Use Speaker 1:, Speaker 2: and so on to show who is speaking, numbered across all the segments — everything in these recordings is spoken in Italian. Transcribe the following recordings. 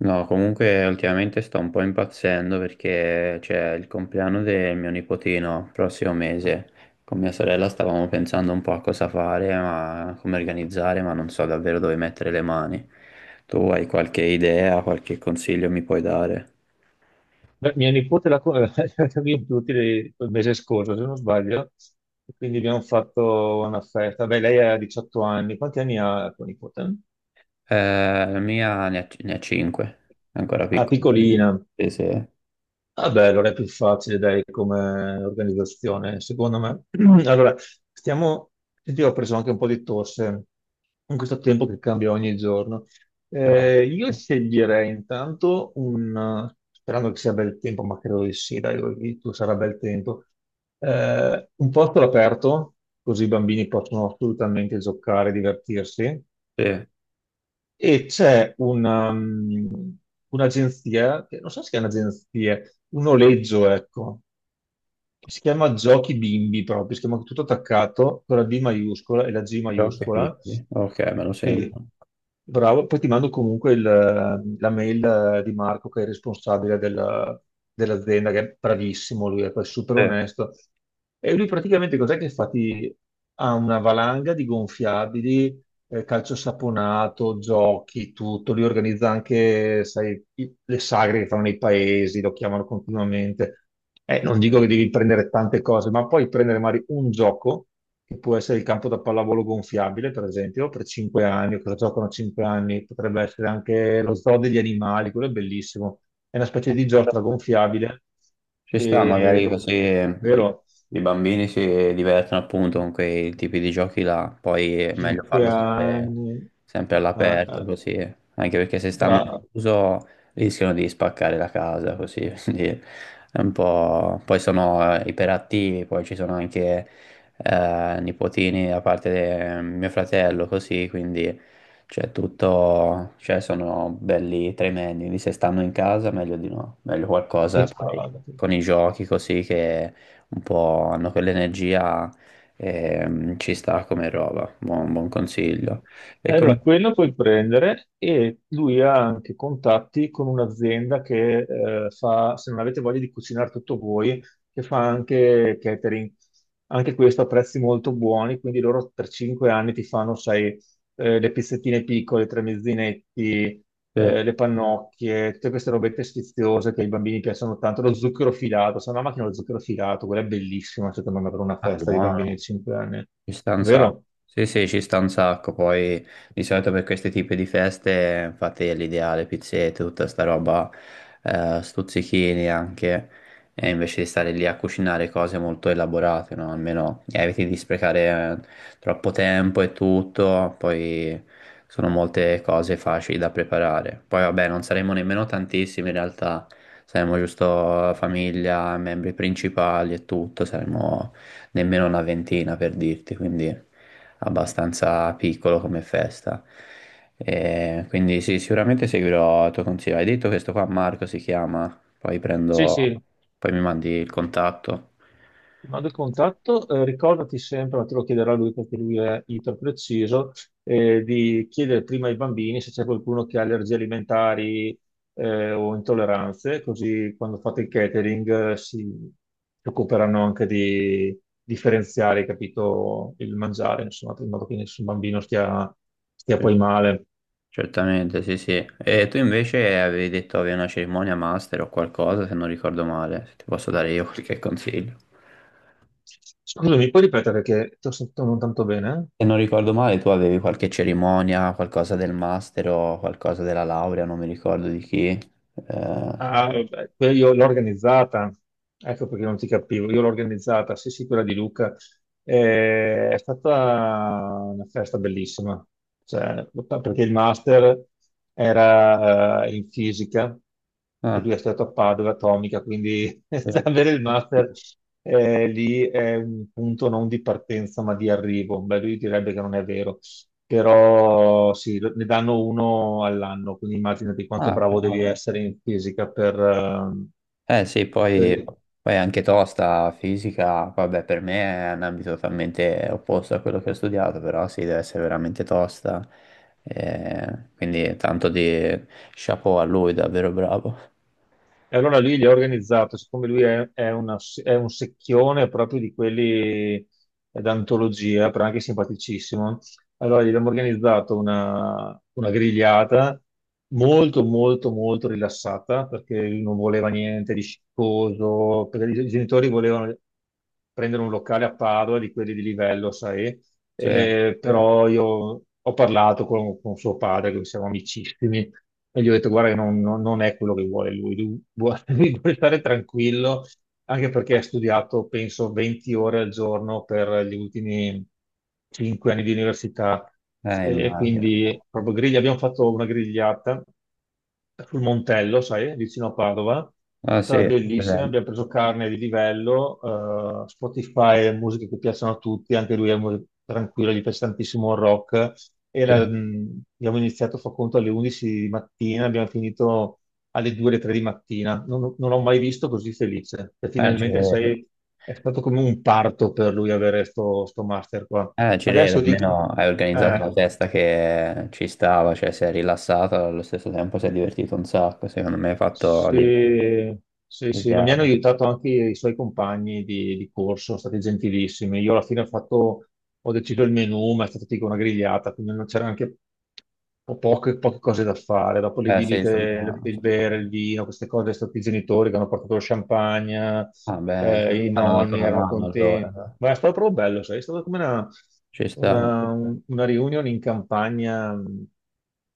Speaker 1: No, comunque ultimamente sto un po' impazzendo perché c'è il compleanno del mio nipotino prossimo mese. Con mia sorella stavamo pensando un po' a cosa fare, ma come organizzare, ma non so davvero dove mettere le mani. Tu hai qualche idea, qualche consiglio mi puoi dare?
Speaker 2: Beh, mia nipote l'ha compiuti il mese scorso, se non sbaglio, e quindi abbiamo fatto una festa. Beh, lei ha 18 anni. Quanti anni ha tua nipote?
Speaker 1: La mia ne ha, ne ha 5, ancora
Speaker 2: Ah,
Speaker 1: piccola.
Speaker 2: piccolina.
Speaker 1: Sì, sì.
Speaker 2: Vabbè, allora è più facile, dai, come organizzazione, secondo me. Allora, stiamo... Senti, io ho preso anche un po' di tosse in questo tempo che cambia ogni giorno.
Speaker 1: Però-
Speaker 2: Io sceglierei intanto sperando che sia bel tempo, ma credo di sì, dai, oggi tu sarà bel tempo. Un posto all'aperto, così i bambini possono assolutamente giocare, divertirsi
Speaker 1: sì.
Speaker 2: e c'è un'agenzia, che non so se è un'agenzia, un noleggio, ecco, che si chiama Giochi Bimbi proprio, si chiama tutto attaccato con la B maiuscola e la G
Speaker 1: Però che
Speaker 2: maiuscola.
Speaker 1: dici? Ok, me lo segno.
Speaker 2: Sì, bravo, poi ti mando comunque la mail di Marco che è il responsabile dell'azienda, che è bravissimo lui, è poi super
Speaker 1: Sì.
Speaker 2: onesto. E lui praticamente cos'è che fa? Ha una valanga di gonfiabili, calcio saponato, giochi, tutto, li organizza anche, sai, le sagre che fanno nei paesi, lo chiamano continuamente. Non dico che devi prendere tante cose, ma puoi prendere magari un gioco, che può essere il campo da pallavolo gonfiabile, per esempio, per 5 anni, o cosa giocano a 5 anni, potrebbe essere anche lo zoo degli animali, quello è bellissimo. È una specie di giostra gonfiabile,
Speaker 1: Ci sta,
Speaker 2: e-
Speaker 1: magari così i
Speaker 2: vero?
Speaker 1: bambini si divertono appunto con quei tipi di giochi là, poi è meglio
Speaker 2: 5
Speaker 1: farlo sempre,
Speaker 2: anni,
Speaker 1: sempre
Speaker 2: ah,
Speaker 1: all'aperto
Speaker 2: ah,
Speaker 1: così, anche perché se stanno al
Speaker 2: bra-
Speaker 1: chiuso rischiano di spaccare la casa così, quindi è un po'... Poi sono iperattivi, poi ci sono anche nipotini da parte di mio fratello così, quindi c'è tutto, cioè sono belli tremendi, quindi se stanno in casa meglio di no, meglio qualcosa poi
Speaker 2: esatto.
Speaker 1: con i giochi così che un po' hanno quell'energia ci sta come roba, buon consiglio. E come...
Speaker 2: Allora, quello puoi prendere e lui ha anche contatti con un'azienda che fa, se non avete voglia di cucinare tutto voi, che fa anche catering. Anche questo a prezzi molto buoni, quindi loro per 5 anni ti fanno, sai, le pizzettine piccole, tre mezzinetti,
Speaker 1: eh,
Speaker 2: le pannocchie, tutte queste robette sfiziose che ai bambini piacciono tanto, lo zucchero filato, se no, la macchina dello zucchero filato, quella è bellissima secondo me per una
Speaker 1: ah,
Speaker 2: festa di bambini di
Speaker 1: buono.
Speaker 2: 5 anni,
Speaker 1: Ci sta un sacco.
Speaker 2: vero?
Speaker 1: Sì, sì, ci sta un sacco. Poi di solito per questi tipi di feste, infatti, è l'ideale, pizzette, tutta sta roba, stuzzichini anche. E invece di stare lì a cucinare cose molto elaborate, no? Almeno eviti di sprecare troppo tempo e tutto. Poi sono molte cose facili da preparare. Poi, vabbè, non saremo nemmeno tantissimi in realtà. Saremo giusto famiglia, membri principali e tutto. Saremo nemmeno una ventina per dirti, quindi abbastanza piccolo come festa. E quindi sì, sicuramente seguirò il tuo consiglio. Hai detto che questo qua Marco si chiama, poi
Speaker 2: Sì,
Speaker 1: prendo,
Speaker 2: sì.
Speaker 1: poi mi mandi il contatto.
Speaker 2: Ti mando il contatto, ricordati sempre, ma te lo chiederà lui perché lui è iperpreciso, di chiedere prima ai bambini se c'è qualcuno che ha allergie alimentari o intolleranze, così quando fate il catering si occuperanno anche di differenziare, capito, il mangiare, insomma, in modo che nessun bambino stia
Speaker 1: Cer-
Speaker 2: poi male.
Speaker 1: Certamente, sì, sì. E tu invece avevi detto avevi una cerimonia master o qualcosa, se non ricordo male, se ti posso dare io qualche consiglio.
Speaker 2: Scusami, puoi ripetere che ti ho sentito non tanto bene?
Speaker 1: Se non ricordo male, tu avevi qualche cerimonia, qualcosa del master o qualcosa della laurea, non mi ricordo di chi. Eh,
Speaker 2: Ah, vabbè, io l'ho organizzata, ecco perché non ti capivo, io l'ho organizzata, sì sì, quella di Luca. È stata una festa bellissima. Cioè, Perché il master era in fisica e
Speaker 1: Ah,
Speaker 2: lui è stato a Padova Atomica, quindi
Speaker 1: sì.
Speaker 2: avere il master lì è un punto non di partenza ma di arrivo. Beh, lui direbbe che non è vero, però sì, ne danno uno all'anno, quindi immaginati quanto
Speaker 1: Ah,
Speaker 2: bravo devi
Speaker 1: cavolo.
Speaker 2: essere in fisica
Speaker 1: Eh sì, poi,
Speaker 2: per-
Speaker 1: poi anche tosta, fisica, vabbè, per me è un ambito totalmente opposto a quello che ho studiato, però sì, deve essere veramente tosta. Quindi tanto di chapeau a lui, davvero bravo.
Speaker 2: E allora lui gli ha organizzato, siccome è un secchione proprio di quelli d'antologia, però anche simpaticissimo, allora gli abbiamo organizzato una grigliata molto, molto, molto rilassata, perché lui non voleva niente di sciccoso, perché i genitori volevano prendere un locale a Padova di quelli di livello, sai?
Speaker 1: Sì,
Speaker 2: Però io ho parlato con suo padre, che siamo amicissimi, e gli ho detto: Guarda, che non è quello che vuole lui. Lui vuole stare tranquillo anche perché ha studiato, penso, 20 ore al giorno per gli ultimi 5 anni di università e
Speaker 1: immagino.
Speaker 2: quindi proprio griglia. Abbiamo fatto una grigliata sul Montello, sai, vicino a Padova. È
Speaker 1: Ah sì,
Speaker 2: stata
Speaker 1: per
Speaker 2: bellissima,
Speaker 1: esempio,
Speaker 2: abbiamo preso carne di livello, Spotify, musiche che piacciono a tutti, anche lui è molto tranquillo, gli piace tantissimo il rock.
Speaker 1: sì.
Speaker 2: Abbiamo iniziato, fa conto, alle 11 di mattina, abbiamo finito alle 2 o 3 di mattina. Non l'ho mai visto così felice.
Speaker 1: Ci credo.
Speaker 2: È stato come un parto per lui avere sto master qua.
Speaker 1: Ci credo,
Speaker 2: Adesso di,
Speaker 1: almeno hai organizzato la
Speaker 2: eh,
Speaker 1: testa che ci stava, cioè si è rilassata, allo stesso tempo si è divertito un sacco, secondo me hai fatto l'idea.
Speaker 2: Sì, sì, sì, ma mi hanno
Speaker 1: Ideale.
Speaker 2: aiutato anche i suoi compagni di corso, sono stati gentilissimi. Io alla fine ho fatto, Ho deciso il menù, ma è stata tipo una grigliata, quindi non c'era anche poche cose da fare. Dopo le
Speaker 1: Beh, sì,
Speaker 2: bibite,
Speaker 1: insomma,
Speaker 2: il bere, il vino, queste cose, sono stati i genitori che hanno portato lo champagne,
Speaker 1: ah, beh,
Speaker 2: i
Speaker 1: hanno dato
Speaker 2: nonni
Speaker 1: una
Speaker 2: erano
Speaker 1: mano allora,
Speaker 2: contenti.
Speaker 1: dai.
Speaker 2: Ma è stato proprio bello, sai, è stata come
Speaker 1: Ci sta.
Speaker 2: una reunion in campagna.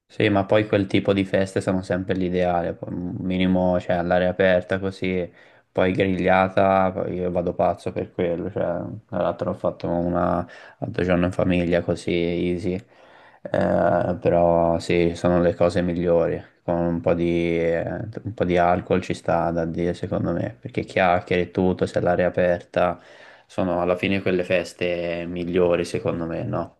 Speaker 1: Sì, ma poi quel tipo di feste sono sempre l'ideale, poi un minimo, cioè, all'aria aperta così, poi grigliata, poi io vado pazzo per quello, cioè, tra l'altro ho fatto una l'altro giorno in famiglia così, easy. Però sì, sono le cose migliori, con un po' di alcol ci sta da dire secondo me, perché chiacchiere e tutto, se all'aria aperta, sono alla fine quelle feste migliori secondo me, no?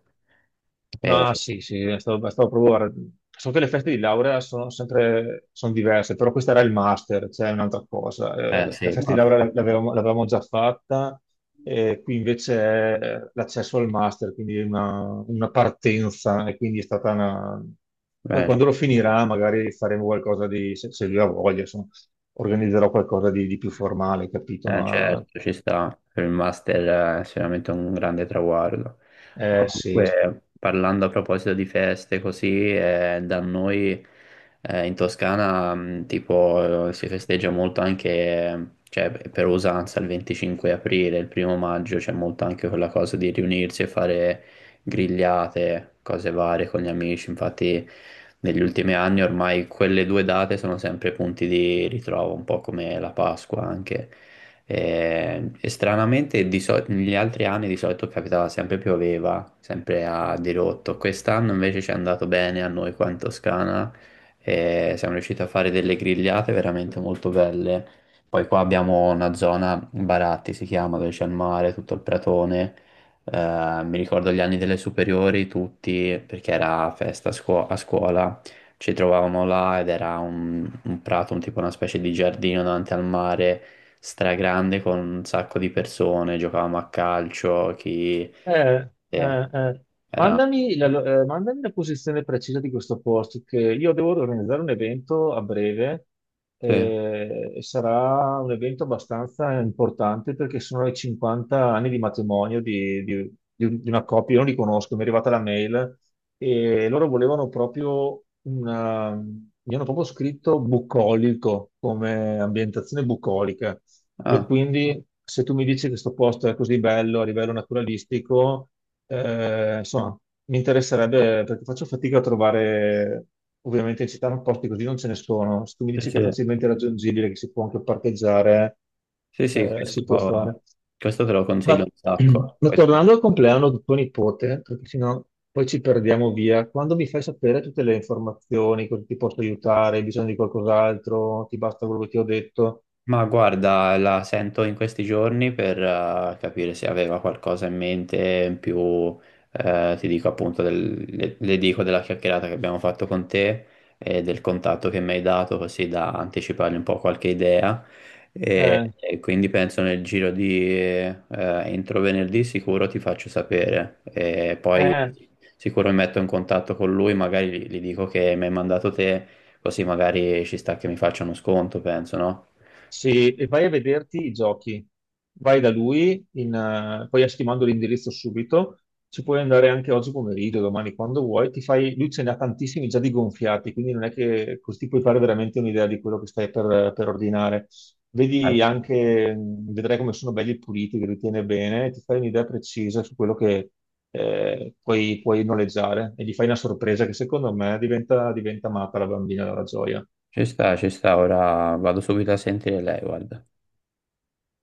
Speaker 1: E-
Speaker 2: Ma sì, sì, è stato proprio... Guarda, so che le feste di laurea sono diverse, però questo era il master, cioè è un'altra cosa.
Speaker 1: eh
Speaker 2: La
Speaker 1: sì,
Speaker 2: festa
Speaker 1: ma...
Speaker 2: di laurea l'avevamo già fatta, e qui invece è l'accesso al master, quindi è una partenza, e quindi è stata una... Poi
Speaker 1: eh,
Speaker 2: quando lo finirà magari faremo qualcosa di... se, se lui ha voglia, insomma, organizzerò qualcosa di più formale, capito?
Speaker 1: eh, certo, ci sta, per il master è sicuramente un grande traguardo. Ma
Speaker 2: Eh, sì,
Speaker 1: comunque, parlando a proposito di feste così, da noi in Toscana tipo si festeggia molto anche, cioè per usanza il 25 aprile, il primo maggio c'è molto anche quella cosa di riunirsi e fare grigliate, cose varie con gli amici, infatti negli ultimi anni ormai quelle due date sono sempre punti di ritrovo, un po' come la Pasqua anche. E stranamente di negli altri anni di solito capitava sempre pioveva, sempre a dirotto. Quest'anno invece ci è andato bene a noi qua in Toscana e siamo riusciti a fare delle grigliate veramente molto belle. Poi qua abbiamo una zona, Baratti si chiama, dove c'è il mare, tutto il pratone. Mi ricordo gli anni delle superiori, tutti, perché era festa a a scuola, ci trovavamo là ed era un prato, un tipo una specie di giardino davanti al mare stragrande con un sacco di persone, giocavamo a calcio, chi...
Speaker 2: Eh,
Speaker 1: eh,
Speaker 2: eh, eh.
Speaker 1: era...
Speaker 2: Mandami mandami la posizione precisa di questo posto, che io devo organizzare un evento a breve
Speaker 1: Sì.
Speaker 2: e sarà un evento abbastanza importante perché sono i 50 anni di matrimonio di una coppia, io non li conosco, mi è arrivata la mail e loro volevano proprio una, mi hanno proprio scritto bucolico come ambientazione bucolica. E
Speaker 1: Ah,
Speaker 2: quindi se tu mi dici che questo posto è così bello a livello naturalistico, insomma, mi interesserebbe perché faccio fatica a trovare, ovviamente in città posti così non ce ne sono. Se tu mi
Speaker 1: sì,
Speaker 2: dici che è
Speaker 1: sì,
Speaker 2: facilmente raggiungibile, che si può anche parcheggiare,
Speaker 1: sì, sì,
Speaker 2: si può
Speaker 1: questo,
Speaker 2: fare.
Speaker 1: questo te lo consiglio
Speaker 2: Ma,
Speaker 1: un sacco.
Speaker 2: ma
Speaker 1: Poi-
Speaker 2: tornando al compleanno di tuo nipote, perché sennò poi ci perdiamo via, quando mi fai sapere tutte le informazioni, cosa ti posso aiutare, hai bisogno di qualcos'altro, ti basta quello che ti ho detto?
Speaker 1: ma guarda, la sento in questi giorni per capire se aveva qualcosa in mente in più, ti dico appunto, le dico della chiacchierata che abbiamo fatto con te e del contatto che mi hai dato, così da anticipargli un po' qualche idea.
Speaker 2: Eh,
Speaker 1: E quindi penso nel giro di entro venerdì sicuro ti faccio sapere. E poi
Speaker 2: eh,
Speaker 1: sicuro mi metto in contatto con lui, magari gli, gli dico che mi hai mandato te, così magari ci sta che mi faccia uno sconto, penso, no?
Speaker 2: Sì, e vai a vederti i giochi. Vai da lui, poi adesso ti mando l'indirizzo subito. Ci puoi andare anche oggi pomeriggio, domani, quando vuoi. Lui ce ne ha tantissimi già di gonfiati, quindi non è che così puoi fare veramente un'idea di quello che stai per ordinare. Vedi anche, vedrai come sono belli e puliti, che li tiene bene, e ti fai un'idea precisa su quello che puoi noleggiare e gli fai una sorpresa che secondo me diventa matta la bambina dalla gioia.
Speaker 1: Ci sta, ora vado subito a sentire lei, guarda.